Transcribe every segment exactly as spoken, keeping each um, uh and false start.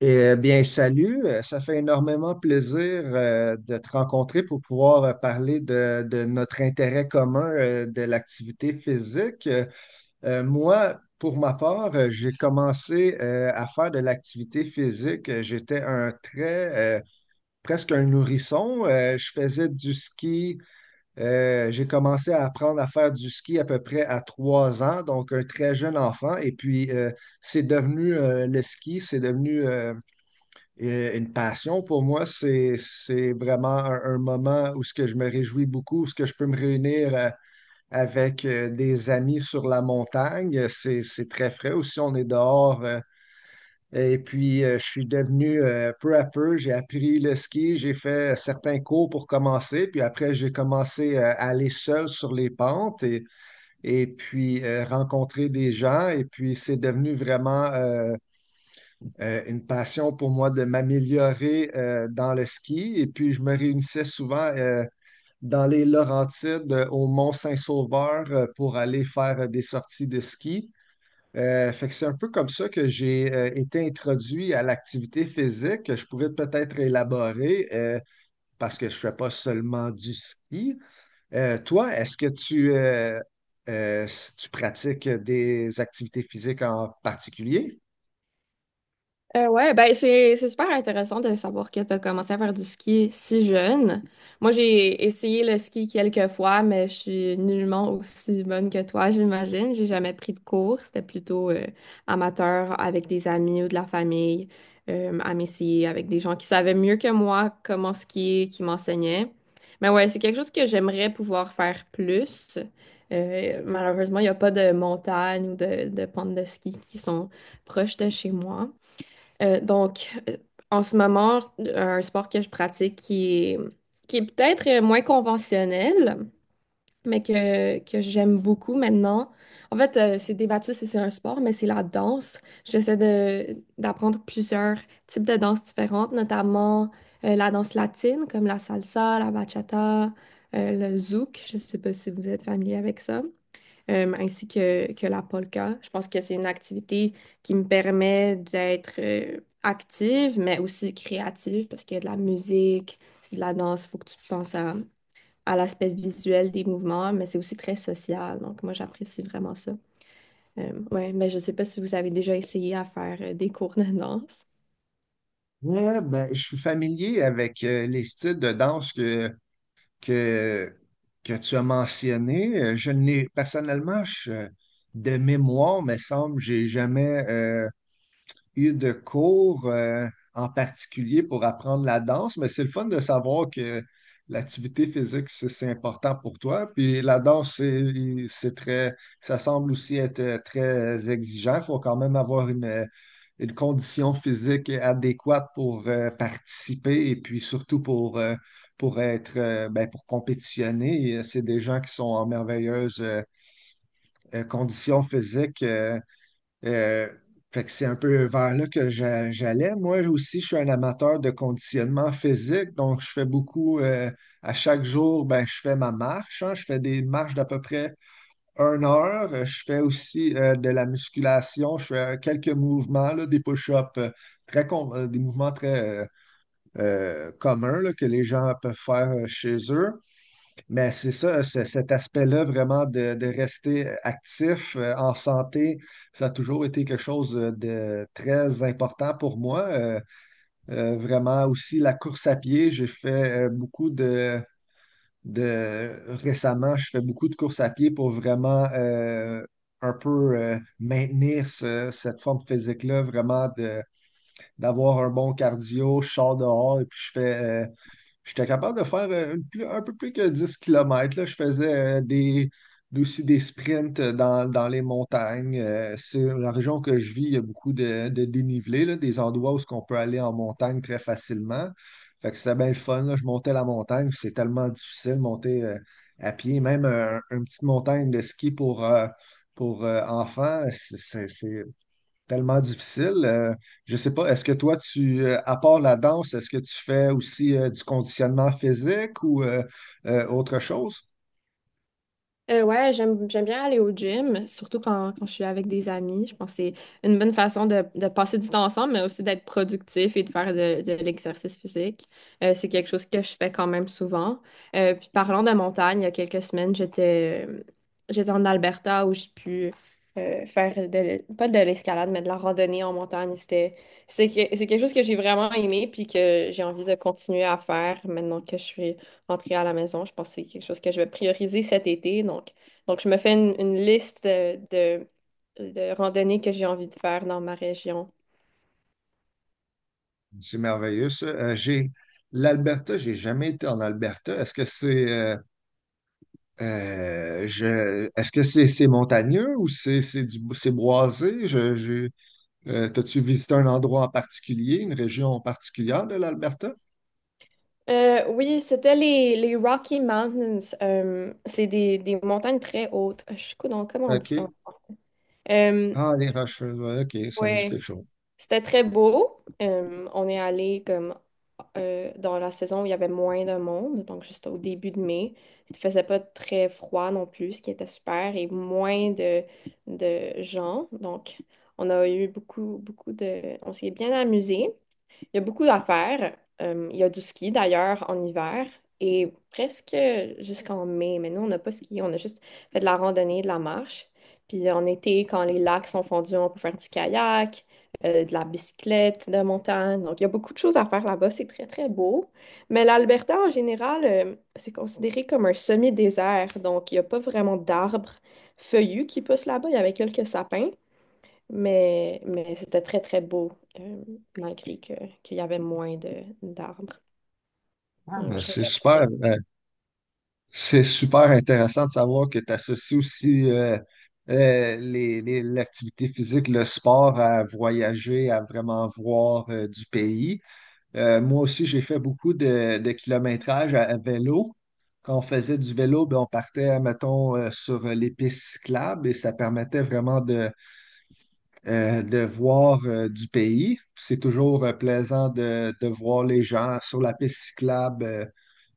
Eh euh, bien, salut. Euh, Ça fait énormément plaisir euh, de te rencontrer pour pouvoir euh, parler de, de notre intérêt commun euh, de l'activité physique. Euh, euh, moi, pour ma part, euh, j'ai commencé euh, à faire de l'activité physique. Euh, J'étais un très, euh, presque un nourrisson. Euh, je faisais du ski. Euh, j'ai commencé à apprendre à faire du ski à peu près à trois ans, donc un très jeune enfant. Et puis, euh, c'est devenu euh, le ski, c'est devenu euh, et euh, une passion pour moi, c'est, c'est vraiment un, un moment où ce que je me réjouis beaucoup, où ce que je peux me réunir euh, avec euh, des amis sur la montagne. C'est, c'est très frais aussi, on est dehors. Euh, et puis, euh, je suis devenu euh, peu à peu, j'ai appris le ski, j'ai fait certains cours pour commencer, puis après, j'ai commencé euh, à aller seul sur les pentes et, et puis euh, rencontrer des gens. Et puis, c'est devenu vraiment euh, euh, une passion pour moi de m'améliorer euh, dans le ski. Et puis, je me réunissais souvent euh, dans les Laurentides, euh, au Mont-Saint-Sauveur, euh, pour aller faire euh, des sorties de ski. Euh, fait que c'est un peu comme ça que j'ai euh, été introduit à l'activité physique, que je pourrais peut-être élaborer euh, parce que je ne fais pas seulement du ski. Euh, toi, est-ce que tu, euh, euh, tu pratiques des activités physiques en particulier? Euh, ouais, ben c'est c'est super intéressant de savoir que tu as commencé à faire du ski si jeune. Moi, j'ai essayé le ski quelques fois, mais je suis nullement aussi bonne que toi, j'imagine. J'ai jamais pris de cours. C'était plutôt euh, amateur avec des amis ou de la famille, euh, à m'essayer avec des gens qui savaient mieux que moi comment skier, qui m'enseignaient. Mais ouais, c'est quelque chose que j'aimerais pouvoir faire plus. Euh, malheureusement, il n'y a pas de montagne ou de, de pentes de ski qui sont proches de chez moi. Euh, donc, euh, en ce moment, euh, un sport que je pratique qui est, qui est peut-être euh, moins conventionnel, mais que, que j'aime beaucoup maintenant. En fait, euh, c'est débattu si c'est un sport, mais c'est la danse. J'essaie de, d'apprendre plusieurs types de danses différentes, notamment euh, la danse latine, comme la salsa, la bachata, euh, le zouk. Je ne sais pas si vous êtes familier avec ça, euh, ainsi que, que la polka. Je pense que c'est une activité qui me permet d'être euh, active, mais aussi créative, parce qu'il y a de la musique, c'est de la danse, il faut que tu penses à, à l'aspect visuel des mouvements, mais c'est aussi très social. Donc, moi, j'apprécie vraiment ça. Euh, ouais, mais je sais pas si vous avez déjà essayé à faire euh, des cours de danse. Ouais, ben, je suis familier avec euh, les styles de danse que, que, que tu as mentionnés. Euh, Je n'ai personnellement, je- de mémoire, me semble, j'ai jamais euh, eu de cours euh, en particulier pour apprendre la danse, mais c'est le fun de savoir que l'activité physique, c'est c'est important pour toi. Puis la danse, c'est c'est très, ça semble aussi être euh, très exigeant. Il faut quand même avoir une, euh, une condition physique adéquate pour euh, participer et puis surtout pour, euh, pour être, euh, ben, pour compétitionner. C'est des gens qui sont en merveilleuse euh, condition physique. Euh, euh, Fait que c'est un peu vers là que j'a- j'allais. Moi aussi, je suis un amateur de conditionnement physique, donc je fais beaucoup, euh, à chaque jour, ben, je fais ma marche, hein. Je fais des marches d'à peu près une heure. Euh, Je fais aussi euh, de la musculation, je fais euh, quelques mouvements, là, des push-ups, euh, très com- euh, des mouvements très euh, euh, communs là, que les gens peuvent faire euh, chez eux. Mais c'est ça, c'est- cet aspect-là vraiment de, de rester actif, euh, en santé, ça a toujours été quelque chose euh, de très important pour moi. Euh, euh, vraiment aussi la course à pied, j'ai fait euh, beaucoup de, de... Récemment, je fais beaucoup de course à pied pour vraiment euh, un peu euh, maintenir ce- cette forme physique-là, vraiment de, d'avoir un bon cardio. Je sors dehors et puis je fais... euh, J'étais capable de faire euh, une plus- un peu plus que dix kilomètres. Je faisais euh, des, aussi des sprints euh, dans, dans les montagnes. Euh, c'est la région que je vis, il y a beaucoup de, de dénivelé, là, des endroits où on peut aller en montagne très facilement. Fait que c'était bien le fun. Là. Je montais la montagne, puis c'est tellement difficile de monter euh, à pied. Même euh, une petite montagne de ski pour, euh, pour euh, enfants, c'est c'est- c'est tellement difficile. Euh, je sais pas, est-ce que toi, tu, euh, à part la danse, est-ce que tu fais aussi euh, du conditionnement physique ou euh, euh, autre chose? Euh, ouais, j'aime j'aime bien aller au gym, surtout quand, quand je suis avec des amis. Je pense que c'est une bonne façon de, de passer du temps ensemble, mais aussi d'être productif et de faire de, de l'exercice physique. Euh, c'est quelque chose que je fais quand même souvent. Euh, puis parlant de montagne, il y a quelques semaines, j'étais j'étais en Alberta où j'ai pu euh, faire de, l'e- pas de l'escalade, mais de la randonnée en montagne. C'était, c'est que- c'est quelque chose que j'ai vraiment aimé puis que j'ai envie de continuer à faire maintenant que je suis rentrer à la maison. Je pense que c'est quelque chose que je vais prioriser cet été. Donc, donc je me fais une, une liste de, de, de randonnées que j'ai envie de faire dans ma région. C'est merveilleux, ça. Euh, j'ai L'Alberta, j'ai jamais été en Alberta. Est-ce que c'est euh, euh, je est-ce que c'est c'est montagneux ou c'est c'est du c'est boisé? Je, je- euh, t'as-tu visité un endroit en particulier, une région en particulière de l'Alberta? Euh, oui, c'était les, les Rocky Mountains. Euh, c'est des, des montagnes très hautes. Je suis donc comment on dit ça? OK. Euh, Ah, les Rocheuses, ouais, ok, ça me dit ouais. quelque chose. C'était très beau. Euh, on est allé comme euh, dans la saison où il y avait moins de monde, donc juste au début de mai. Il faisait pas très froid non plus, ce qui était super, et moins de, de gens. Donc, on a eu beaucoup, beaucoup de... On s'est bien amusé. Il y a beaucoup à faire. Euh, il y a du ski d'ailleurs en hiver et presque jusqu'en mai. Mais nous, on n'a pas ski, on a juste fait de la randonnée, de la marche. Puis en été, quand les lacs sont fondus, on peut faire du kayak, euh, de la bicyclette de montagne. Donc, il y a beaucoup de choses à faire là-bas. C'est très, très beau. Mais l'Alberta, en général, euh, c'est considéré comme un semi-désert. Donc, il n'y a pas vraiment d'arbres feuillus qui poussent là-bas. Il y avait quelques sapins. Mais, mais c'était très, très beau, euh, malgré que, qu'il y avait moins de, d'arbres. Ah, Donc, ben, je c'est super, recommande. euh, c'est super intéressant de savoir que tu associes aussi euh, euh, les, les- l'activité physique, le sport à voyager, à vraiment voir euh, du pays. Euh, moi aussi, j'ai fait beaucoup de, de kilométrage à, à vélo. Quand on faisait du vélo, ben, on partait, mettons, euh, sur les pistes cyclables et ça permettait vraiment de euh, de voir euh, du pays. C'est toujours euh, plaisant de, de voir les gens sur la piste cyclable. euh,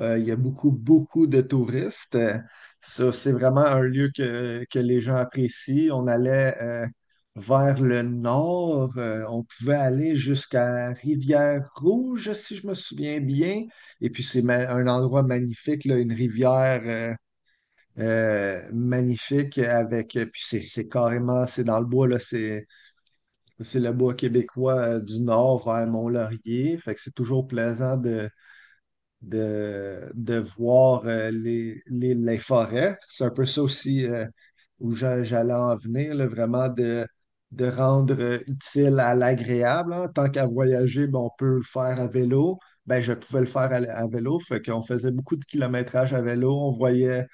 euh, Il y a beaucoup, beaucoup de touristes. Euh, ça, c'est vraiment un lieu que, que les gens apprécient. On allait euh, vers le nord. Euh, on pouvait aller jusqu'à Rivière-Rouge, si je me souviens bien. Et puis, c'est ma- un endroit magnifique, là, une rivière euh, euh, magnifique avec, puis c'est c'est carrément, c'est dans le bois, là, c'est c'est le bois québécois euh, du nord vers Mont-Laurier. Fait que c'est toujours plaisant de, de, de voir euh, les, les, les forêts. C'est un peu ça aussi euh, où j'a- j'allais en venir, là, vraiment de, de rendre euh, utile à l'agréable. Hein. Tant qu'à voyager, ben, on peut le faire à vélo. Ben, je pouvais le faire à, à vélo. Fait qu'on faisait beaucoup de kilométrage à vélo. On voyait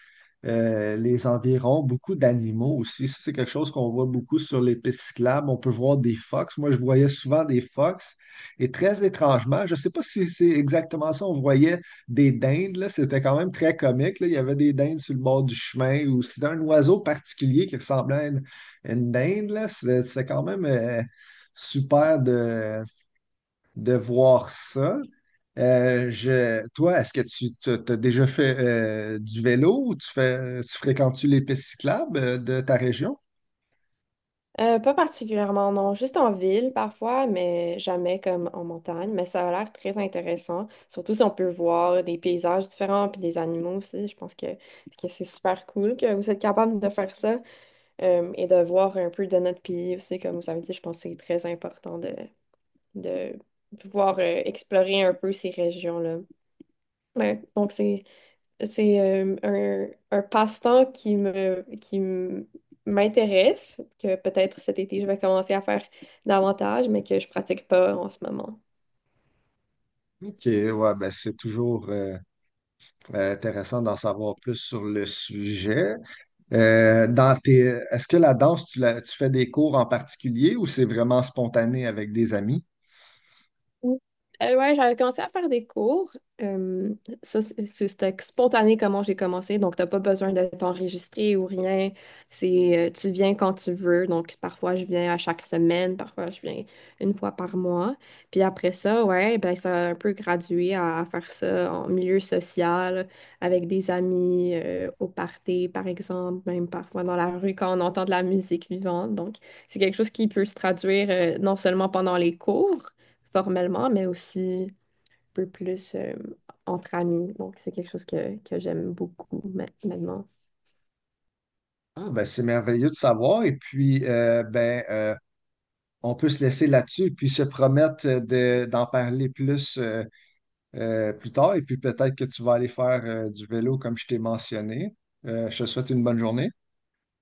euh, les environs, beaucoup d'animaux aussi. Ça, c'est quelque chose qu'on voit beaucoup sur les pistes cyclables. On peut voir des fox. Moi, je voyais souvent des fox. Et très étrangement, je ne sais pas si c'est exactement ça, on voyait des dindes, là. C'était quand même très comique, là. Il y avait des dindes sur le bord du chemin ou c'était un oiseau particulier qui ressemblait à une, à une dinde, là. C'était c'était quand même euh, super de, de voir ça. Euh, je, toi, est-ce que tu as déjà fait euh, du vélo ou tu fais, tu fréquentes-tu les pistes cyclables euh, de ta région? Euh, pas particulièrement, non. Juste en ville parfois, mais jamais comme en montagne. Mais ça a l'air très intéressant. Surtout si on peut voir des paysages différents puis des animaux aussi. Je pense que, que c'est super cool que vous êtes capable de faire ça, euh, et de voir un peu de notre pays aussi. Comme vous avez dit, je pense que c'est très important de, de pouvoir euh, explorer un peu ces régions-là. Ouais, donc c'est C'est euh, un, un passe-temps qui me, qui m- m'intéresse, que peut-être cet été je vais commencer à faire davantage, mais que je pratique pas en ce moment. Ok, ouais, ben c'est toujours euh, euh, intéressant d'en savoir plus sur le sujet. Euh, dans tes, Est-ce que la danse, tu, la- tu fais des cours en particulier ou c'est vraiment spontané avec des amis? Oui. Euh, ouais, j'avais commencé à faire des cours. Euh, ça, c'est- c'est- c'était spontané comment j'ai commencé. Donc, t'as pas besoin d'être enregistré ou rien. C'est, euh, tu viens quand tu veux. Donc, parfois, je viens à chaque semaine, parfois, je viens une fois par mois. Puis après ça, ouais, ben, ça a un peu gradué à faire ça en milieu social, avec des amis, euh, au party, par exemple, même parfois dans la rue quand on entend de la musique vivante. Donc, c'est quelque chose qui peut se traduire, euh, non seulement pendant les cours, formellement, mais aussi un peu plus euh, entre amis. Donc, c'est quelque chose que, que j'aime beaucoup ma- maintenant. Ah, ben c'est merveilleux de savoir. Et puis, euh, ben, euh, on peut se laisser là-dessus et puis se promettre de, d'en parler plus. Euh, euh, plus tard. Et puis peut-être que tu vas aller faire euh, du vélo comme je t'ai mentionné. Euh, je te souhaite une bonne journée.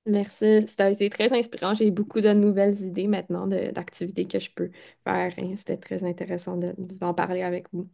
Merci, c'était c'est très inspirant. J'ai beaucoup de nouvelles idées maintenant de- d'activités que je peux faire, hein. C'était très intéressant de- d'en parler avec vous.